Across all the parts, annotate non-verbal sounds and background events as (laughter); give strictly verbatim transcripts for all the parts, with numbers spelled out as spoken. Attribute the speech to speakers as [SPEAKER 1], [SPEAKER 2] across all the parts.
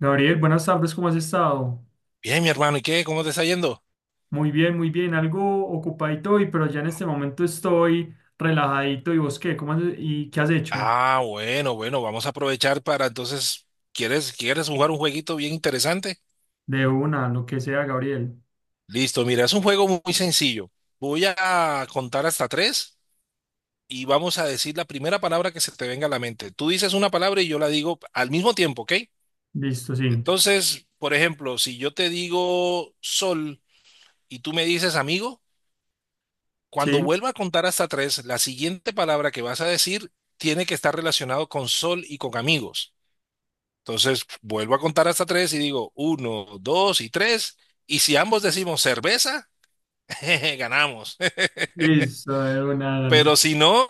[SPEAKER 1] Gabriel, buenas tardes, ¿cómo has estado?
[SPEAKER 2] Bien, mi hermano, ¿y qué? ¿Cómo te está yendo?
[SPEAKER 1] Muy bien, muy bien, algo ocupadito hoy, pero ya en este momento estoy relajadito. ¿Y vos qué? ¿Cómo has- y qué has hecho?
[SPEAKER 2] Ah, bueno, bueno, vamos a aprovechar para entonces, ¿quieres, quieres jugar un jueguito bien interesante?
[SPEAKER 1] De una, lo que sea, Gabriel.
[SPEAKER 2] Listo, mira, es un juego muy sencillo. Voy a contar hasta tres y vamos a decir la primera palabra que se te venga a la mente. Tú dices una palabra y yo la digo al mismo tiempo, ¿ok?
[SPEAKER 1] Listo, sí.
[SPEAKER 2] Entonces, por ejemplo, si yo te digo sol y tú me dices amigo, cuando
[SPEAKER 1] Sí,
[SPEAKER 2] vuelva a contar hasta tres, la siguiente palabra que vas a decir tiene que estar relacionado con sol y con amigos. Entonces vuelvo a contar hasta tres y digo uno, dos y tres. Y si ambos decimos cerveza, (laughs) jeje, ganamos. (laughs)
[SPEAKER 1] listo, de una, dale.
[SPEAKER 2] Pero si no,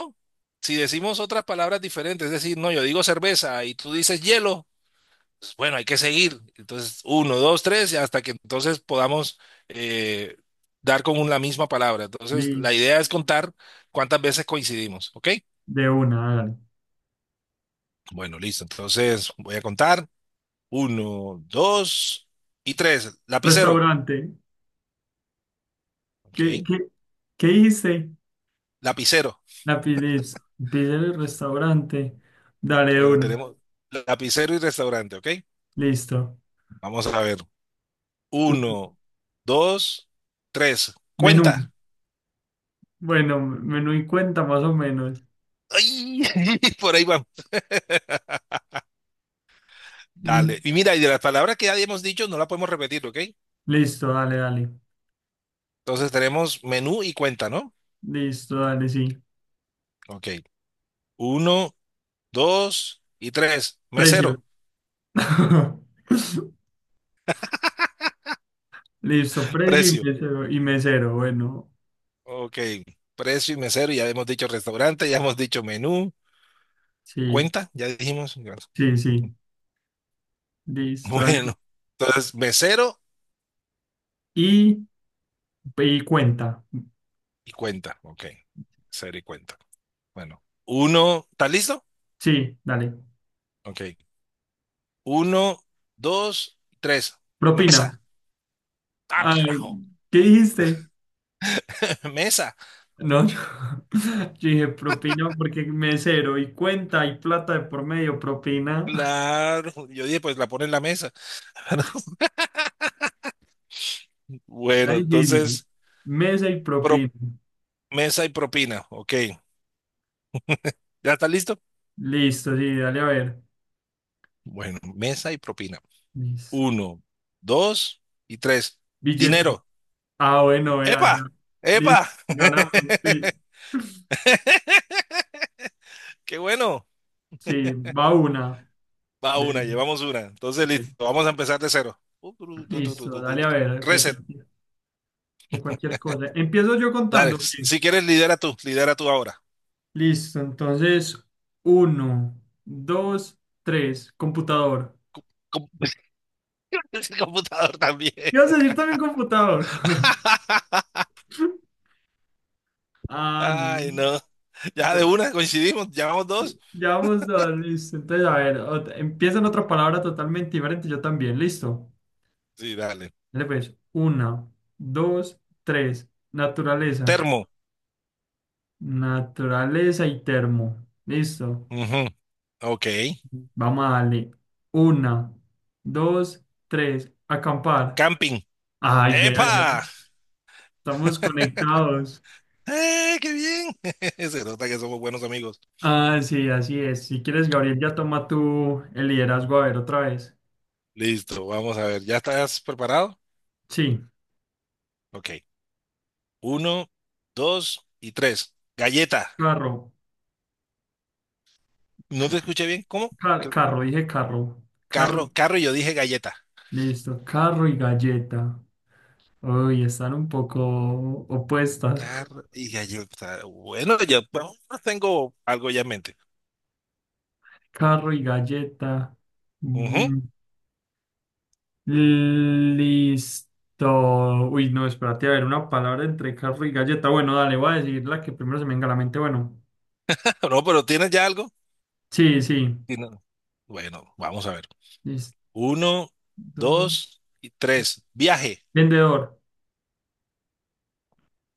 [SPEAKER 2] si decimos otras palabras diferentes, es decir, no, yo digo cerveza y tú dices hielo, pues, bueno, hay que seguir. Entonces uno, dos, tres, y hasta que entonces podamos eh, dar con un- la misma palabra. Entonces la
[SPEAKER 1] Listo,
[SPEAKER 2] idea es contar cuántas veces coincidimos, ¿ok?
[SPEAKER 1] de una, dale.
[SPEAKER 2] Bueno, listo. Entonces voy a contar uno, dos y tres. Lapicero.
[SPEAKER 1] Restaurante.
[SPEAKER 2] Ok.
[SPEAKER 1] ¿Qué, qué, qué dijiste?
[SPEAKER 2] Lapicero.
[SPEAKER 1] La pi- listo. Pide el restaurante, dale de
[SPEAKER 2] Bueno,
[SPEAKER 1] una,
[SPEAKER 2] tenemos lapicero y restaurante, ¿ok?
[SPEAKER 1] listo.
[SPEAKER 2] Vamos a ver.
[SPEAKER 1] Un
[SPEAKER 2] Uno, dos, tres.
[SPEAKER 1] menú,
[SPEAKER 2] Cuenta.
[SPEAKER 1] bueno, menú y cuenta más o menos.
[SPEAKER 2] ¡Ay! (laughs) Por ahí vamos. Dale. Y mira, y de las palabras que ya hemos dicho, no la podemos repetir, ¿ok?
[SPEAKER 1] Listo, dale, dale.
[SPEAKER 2] Entonces tenemos menú y cuenta, ¿no?
[SPEAKER 1] Listo, dale, sí.
[SPEAKER 2] Ok. Uno, dos y tres.
[SPEAKER 1] Precio.
[SPEAKER 2] Mesero.
[SPEAKER 1] (laughs) Listo,
[SPEAKER 2] (laughs)
[SPEAKER 1] precio y
[SPEAKER 2] Precio.
[SPEAKER 1] mesero, y mesero. Bueno,
[SPEAKER 2] Ok. Precio y mesero. Ya hemos dicho restaurante, ya hemos dicho menú.
[SPEAKER 1] sí,
[SPEAKER 2] Cuenta, ya dijimos. (laughs)
[SPEAKER 1] sí, sí. Listo, dale.
[SPEAKER 2] Bueno. Entonces, mesero
[SPEAKER 1] Y, y cuenta.
[SPEAKER 2] Y cuenta, ok. Cero y cuenta. Bueno, uno, ¿estás listo?
[SPEAKER 1] Sí, dale.
[SPEAKER 2] Ok. Uno, dos, tres.
[SPEAKER 1] Propina.
[SPEAKER 2] Mesa. Ah,
[SPEAKER 1] Ay,
[SPEAKER 2] carajo.
[SPEAKER 1] ¿qué dijiste?
[SPEAKER 2] (laughs) Mesa.
[SPEAKER 1] No, yo, (laughs) yo dije propina porque mesero y cuenta y plata de por medio, propina. (laughs)
[SPEAKER 2] Claro. Yo dije, pues la pone en la mesa. (laughs)
[SPEAKER 1] Está
[SPEAKER 2] Bueno,
[SPEAKER 1] difícil.
[SPEAKER 2] entonces,
[SPEAKER 1] Mesa y propina.
[SPEAKER 2] pro- mesa y propina. Ok. ¿Ya está listo?
[SPEAKER 1] Listo, sí, dale a ver.
[SPEAKER 2] Bueno, mesa y propina.
[SPEAKER 1] Listo.
[SPEAKER 2] Uno, dos y tres.
[SPEAKER 1] Billete.
[SPEAKER 2] Dinero.
[SPEAKER 1] Ah, bueno, vea, ya.
[SPEAKER 2] ¡Epa!
[SPEAKER 1] Listo,
[SPEAKER 2] ¡Epa!
[SPEAKER 1] ganamos, sí.
[SPEAKER 2] (laughs) ¡Qué bueno!
[SPEAKER 1] Sí, va una.
[SPEAKER 2] Va
[SPEAKER 1] De,
[SPEAKER 2] una, llevamos una. Entonces,
[SPEAKER 1] de-
[SPEAKER 2] listo, vamos a empezar de cero.
[SPEAKER 1] Listo, dale a ver, de
[SPEAKER 2] Reset,
[SPEAKER 1] cualquier, de cualquier cosa. Empiezo yo
[SPEAKER 2] dale.
[SPEAKER 1] contando. Ok.
[SPEAKER 2] Si si quieres, lidera tú, lidera tú ahora.
[SPEAKER 1] Listo, entonces, uno, dos, tres, computador.
[SPEAKER 2] Com- com- (laughs) El computador también.
[SPEAKER 1] ¿Ibas a decir también computador? (laughs)
[SPEAKER 2] (laughs)
[SPEAKER 1] Ah, no.
[SPEAKER 2] Ay, no. Ya de
[SPEAKER 1] Bu-
[SPEAKER 2] una coincidimos, llevamos dos.
[SPEAKER 1] Ya vamos a, listo. Entonces, a ver, ot- empieza en otra palabra totalmente diferente, yo también, listo.
[SPEAKER 2] Sí, dale.
[SPEAKER 1] Dale pues, una, dos, tres. Naturaleza.
[SPEAKER 2] Termo.
[SPEAKER 1] Naturaleza y termo. Listo.
[SPEAKER 2] Ujú, Ok.
[SPEAKER 1] Vamos a darle. Una, dos, tres. Acampar.
[SPEAKER 2] Camping.
[SPEAKER 1] Ay, vea, ya
[SPEAKER 2] ¡Epa!
[SPEAKER 1] estamos conectados.
[SPEAKER 2] ¡Eh, qué bien! (laughs) Se nota que somos buenos amigos.
[SPEAKER 1] Ah, sí, así es. Si quieres, Gabriel, ya toma tú el liderazgo. A ver, otra vez.
[SPEAKER 2] Listo, vamos a ver. ¿Ya estás preparado?
[SPEAKER 1] Sí,
[SPEAKER 2] Ok. Uno, dos y tres. Galleta.
[SPEAKER 1] carro.
[SPEAKER 2] No te
[SPEAKER 1] Ca-
[SPEAKER 2] escuché bien. ¿Cómo?
[SPEAKER 1] ca-
[SPEAKER 2] Creo que
[SPEAKER 1] carro, dije carro. Carro.
[SPEAKER 2] Carro, carro, y yo dije galleta.
[SPEAKER 1] Listo, carro y galleta. Uy, están un poco opuestas. (laughs)
[SPEAKER 2] Carro y galleta. Bueno, ya pues, tengo algo ya en mente.
[SPEAKER 1] Carro y galleta.
[SPEAKER 2] Ujú.
[SPEAKER 1] Mm, listo. Uy, no, espérate, a ver, una palabra entre carro y galleta. Bueno, dale, voy a decir la que primero se me venga a la mente. Bueno,
[SPEAKER 2] (laughs) No, pero ¿tienes ya algo?
[SPEAKER 1] sí, sí.
[SPEAKER 2] Sí, no. Bueno, vamos a ver. Uno,
[SPEAKER 1] Listo.
[SPEAKER 2] dos y tres. Viaje.
[SPEAKER 1] Vendedor.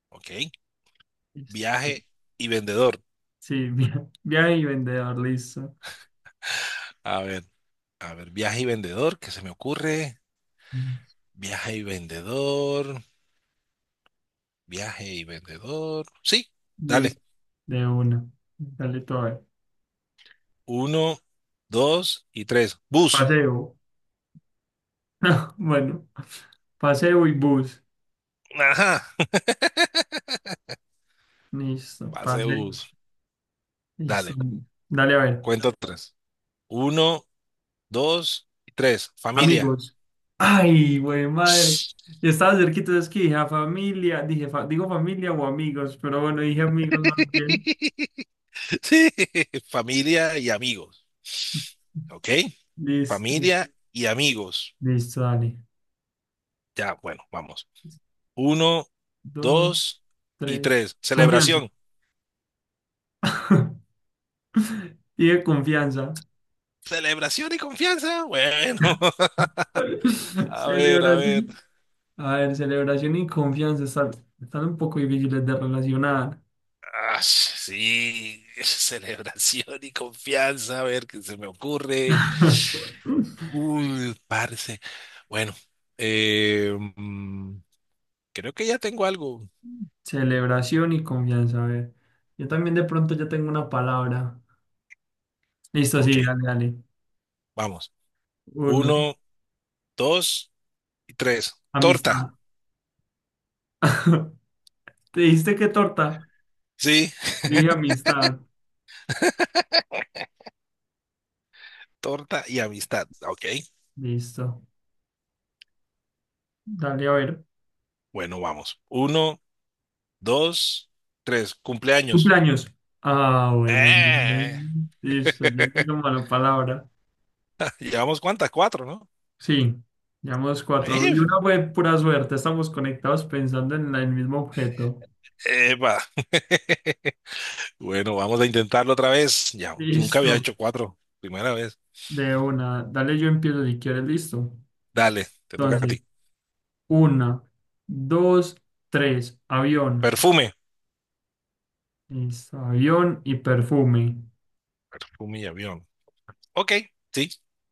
[SPEAKER 2] Ok.
[SPEAKER 1] Listo.
[SPEAKER 2] Viaje y vendedor.
[SPEAKER 1] Sí, (laughs) via- viaje y vendedor, listo.
[SPEAKER 2] A ver, a ver, viaje y vendedor, ¿qué se me ocurre?
[SPEAKER 1] Mm,
[SPEAKER 2] Viaje y vendedor. Viaje y vendedor. Sí, dale.
[SPEAKER 1] Listo, de una. Dale todo. Ahí.
[SPEAKER 2] Uno, dos y tres. Bus.
[SPEAKER 1] Paseo. (laughs) Bueno, paseo y bus.
[SPEAKER 2] Ajá.
[SPEAKER 1] Listo,
[SPEAKER 2] Pase de
[SPEAKER 1] paseo.
[SPEAKER 2] bus.
[SPEAKER 1] Listo.
[SPEAKER 2] Dale,
[SPEAKER 1] Dale a ver.
[SPEAKER 2] cuento tres. Uno, dos y tres. Familia.
[SPEAKER 1] Amigos. Ay, güey, madre. Y estaba cerquita, es que dije a familia, dije, fa- digo familia o amigos, pero bueno, dije amigos más bien.
[SPEAKER 2] (laughs) Sí, familia y amigos. ¿Ok?
[SPEAKER 1] Listo,
[SPEAKER 2] Familia y amigos.
[SPEAKER 1] listo, dale.
[SPEAKER 2] Ya, bueno, vamos. Uno,
[SPEAKER 1] Dos,
[SPEAKER 2] dos y
[SPEAKER 1] tres.
[SPEAKER 2] tres.
[SPEAKER 1] Confianza.
[SPEAKER 2] Celebración.
[SPEAKER 1] (laughs) Y de confianza.
[SPEAKER 2] Celebración y confianza. Bueno, (laughs)
[SPEAKER 1] (laughs)
[SPEAKER 2] a ver, a ver.
[SPEAKER 1] Celebración. A ver, celebración y confianza están, están un poco difíciles de relacionar.
[SPEAKER 2] Ah, sí, (laughs) celebración y confianza. A ver qué se me ocurre.
[SPEAKER 1] (laughs)
[SPEAKER 2] Uy, parce. Bueno, eh, mm, creo que ya tengo algo.
[SPEAKER 1] Celebración y confianza, a ver. Yo también de pronto ya tengo una palabra. Listo,
[SPEAKER 2] Ok,
[SPEAKER 1] sí, dale, dale.
[SPEAKER 2] vamos.
[SPEAKER 1] Uno.
[SPEAKER 2] Uno, dos y tres. Torta.
[SPEAKER 1] Amistad. (laughs) ¿Te diste qué torta?
[SPEAKER 2] Sí, (laughs)
[SPEAKER 1] Dije amistad.
[SPEAKER 2] torta y amistad. Ok,
[SPEAKER 1] Listo. Dale a ver.
[SPEAKER 2] bueno, vamos. Uno, dos, tres. Cumpleaños.
[SPEAKER 1] Cumpleaños. Ah, bueno.
[SPEAKER 2] Eh.
[SPEAKER 1] Bien. Listo. Yo digo
[SPEAKER 2] (laughs)
[SPEAKER 1] mala palabra.
[SPEAKER 2] Llevamos cuántas, cuatro, ¿no?
[SPEAKER 1] Sí. Llevamos cuatro.
[SPEAKER 2] Eh,
[SPEAKER 1] Y una fue pura suerte. Estamos conectados pensando en la- el mismo objeto.
[SPEAKER 2] epa. (laughs) Bueno, vamos a intentarlo otra vez. Ya, nunca había
[SPEAKER 1] Listo.
[SPEAKER 2] hecho cuatro. Primera vez.
[SPEAKER 1] De una. Dale, yo empiezo si quieres. Listo.
[SPEAKER 2] Dale, te toca a
[SPEAKER 1] Entonces,
[SPEAKER 2] ti.
[SPEAKER 1] una, dos, tres. Avión.
[SPEAKER 2] Perfume.
[SPEAKER 1] Listo. Avión y perfume.
[SPEAKER 2] Perfume y avión. Ok, sí,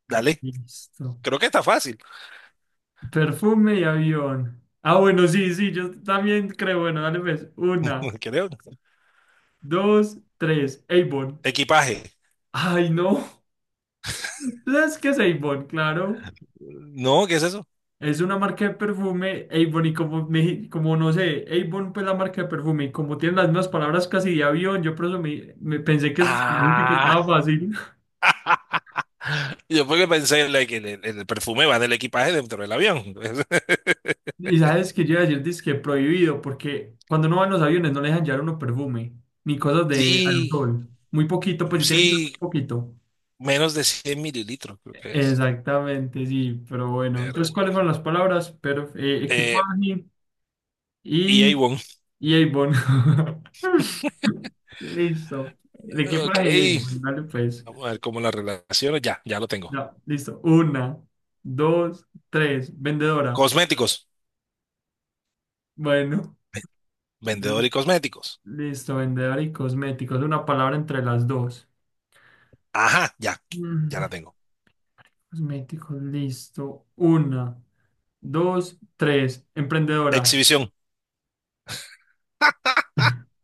[SPEAKER 2] dale.
[SPEAKER 1] Listo.
[SPEAKER 2] Creo que está fácil,
[SPEAKER 1] Perfume y avión. Ah, bueno, sí, sí, yo también creo. Bueno, dale pues. Una,
[SPEAKER 2] (laughs) creo.
[SPEAKER 1] dos, tres. Avon.
[SPEAKER 2] Equipaje.
[SPEAKER 1] Ay, no. (laughs) ¿Sabes qué es Avon? Claro.
[SPEAKER 2] No, ¿qué es eso?
[SPEAKER 1] Es una marca de perfume, Avon, y como, me, como no sé, Avon pues la marca de perfume, y como tienen las mismas palabras casi de avión, yo por eso me, me pensé que, es- me dijiste que
[SPEAKER 2] Ah,
[SPEAKER 1] estaba fácil. (laughs)
[SPEAKER 2] (laughs) yo porque pensé like, que el, el perfume va del equipaje dentro del avión. (laughs)
[SPEAKER 1] Y sabes que yo iba a decir, dizque prohibido, porque cuando uno va en los aviones no le dejan llevar uno perfume, ni cosas de
[SPEAKER 2] Sí,
[SPEAKER 1] alcohol. Muy poquito, pues si tiene que ser muy
[SPEAKER 2] sí,
[SPEAKER 1] poquito.
[SPEAKER 2] menos de cien mililitros creo que es.
[SPEAKER 1] Exactamente, sí, pero bueno.
[SPEAKER 2] Pero
[SPEAKER 1] Entonces, ¿cuáles
[SPEAKER 2] bueno.
[SPEAKER 1] fueron las palabras? Pero, eh,
[SPEAKER 2] Eh,
[SPEAKER 1] equipaje
[SPEAKER 2] y
[SPEAKER 1] y,
[SPEAKER 2] Avon.
[SPEAKER 1] y Avon. (laughs) Listo. El
[SPEAKER 2] Ok,
[SPEAKER 1] equipaje y Avon, dale pues.
[SPEAKER 2] vamos a ver cómo las relaciones. Ya, ya lo tengo.
[SPEAKER 1] Ya, listo. Una, dos, tres. Vendedora.
[SPEAKER 2] Cosméticos,
[SPEAKER 1] Bueno,
[SPEAKER 2] vendedor y
[SPEAKER 1] ven-
[SPEAKER 2] cosméticos.
[SPEAKER 1] listo, vendedora y cosméticos. Una palabra entre las dos.
[SPEAKER 2] Ajá, ya, ya la
[SPEAKER 1] Mm,
[SPEAKER 2] tengo.
[SPEAKER 1] Cosméticos, listo. Una, dos, tres. Emprendedora.
[SPEAKER 2] Exhibición.
[SPEAKER 1] (laughs)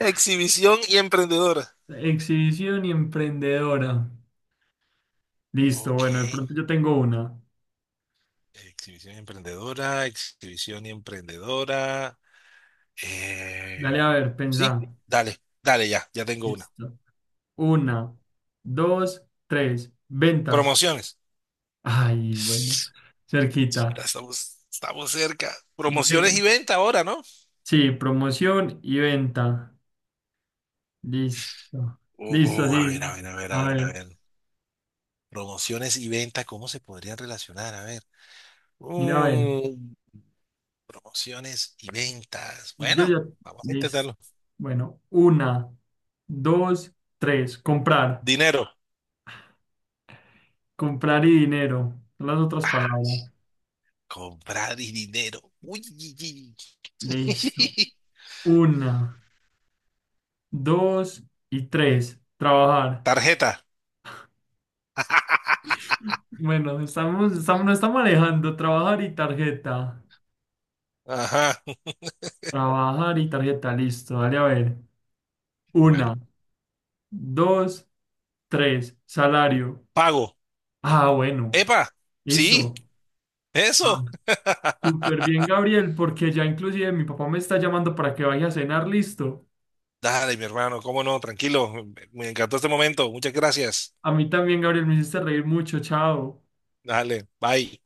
[SPEAKER 2] Exhibición y emprendedora.
[SPEAKER 1] Exhibición y emprendedora. Listo,
[SPEAKER 2] Ok.
[SPEAKER 1] bueno, de pronto yo tengo una.
[SPEAKER 2] Exhibición y emprendedora, exhibición y emprendedora.
[SPEAKER 1] Dale,
[SPEAKER 2] Eh,
[SPEAKER 1] a ver, pensá.
[SPEAKER 2] sí, dale, dale ya, ya tengo una.
[SPEAKER 1] Listo. Una, dos, tres. Ventas.
[SPEAKER 2] Promociones.
[SPEAKER 1] Ay, bueno,
[SPEAKER 2] Ya
[SPEAKER 1] cerquita.
[SPEAKER 2] estamos, estamos cerca. Promociones
[SPEAKER 1] Ve-
[SPEAKER 2] y venta ahora, ¿no?
[SPEAKER 1] sí, promoción y venta. Listo. Listo,
[SPEAKER 2] Uh, a
[SPEAKER 1] sí.
[SPEAKER 2] ver, a ver, a ver, a
[SPEAKER 1] A
[SPEAKER 2] ver, a
[SPEAKER 1] ver,
[SPEAKER 2] ver. Promociones y venta, ¿cómo se podrían relacionar? A ver.
[SPEAKER 1] mira, a ver.
[SPEAKER 2] Uh, Promociones y ventas.
[SPEAKER 1] Yo
[SPEAKER 2] Bueno,
[SPEAKER 1] ya.
[SPEAKER 2] vamos a
[SPEAKER 1] Listo.
[SPEAKER 2] intentarlo.
[SPEAKER 1] Bueno, una, dos, tres. Comprar.
[SPEAKER 2] Dinero.
[SPEAKER 1] Comprar y dinero. Son las otras palabras.
[SPEAKER 2] Comprar y dinero. Uy, (laughs) yi, yi.
[SPEAKER 1] Listo. Una. Dos y tres. Trabajar.
[SPEAKER 2] Tarjeta. (laughs)
[SPEAKER 1] Bueno, estamos, estamos, no estamos alejando. Trabajar y tarjeta.
[SPEAKER 2] Ajá.
[SPEAKER 1] Trabajar y tarjeta. Listo, dale a ver.
[SPEAKER 2] Bueno,
[SPEAKER 1] Una, dos, tres. Salario.
[SPEAKER 2] pago.
[SPEAKER 1] Ah, bueno.
[SPEAKER 2] ¡Epa! Sí,
[SPEAKER 1] Listo. Ah,
[SPEAKER 2] eso. (laughs)
[SPEAKER 1] súper bien, Gabriel, porque ya inclusive mi papá me está llamando para que vaya a cenar. Listo.
[SPEAKER 2] Dale, mi hermano, cómo no, tranquilo. Me encantó este momento. Muchas gracias.
[SPEAKER 1] A mí también, Gabriel, me hiciste reír mucho. Chao.
[SPEAKER 2] Dale, bye.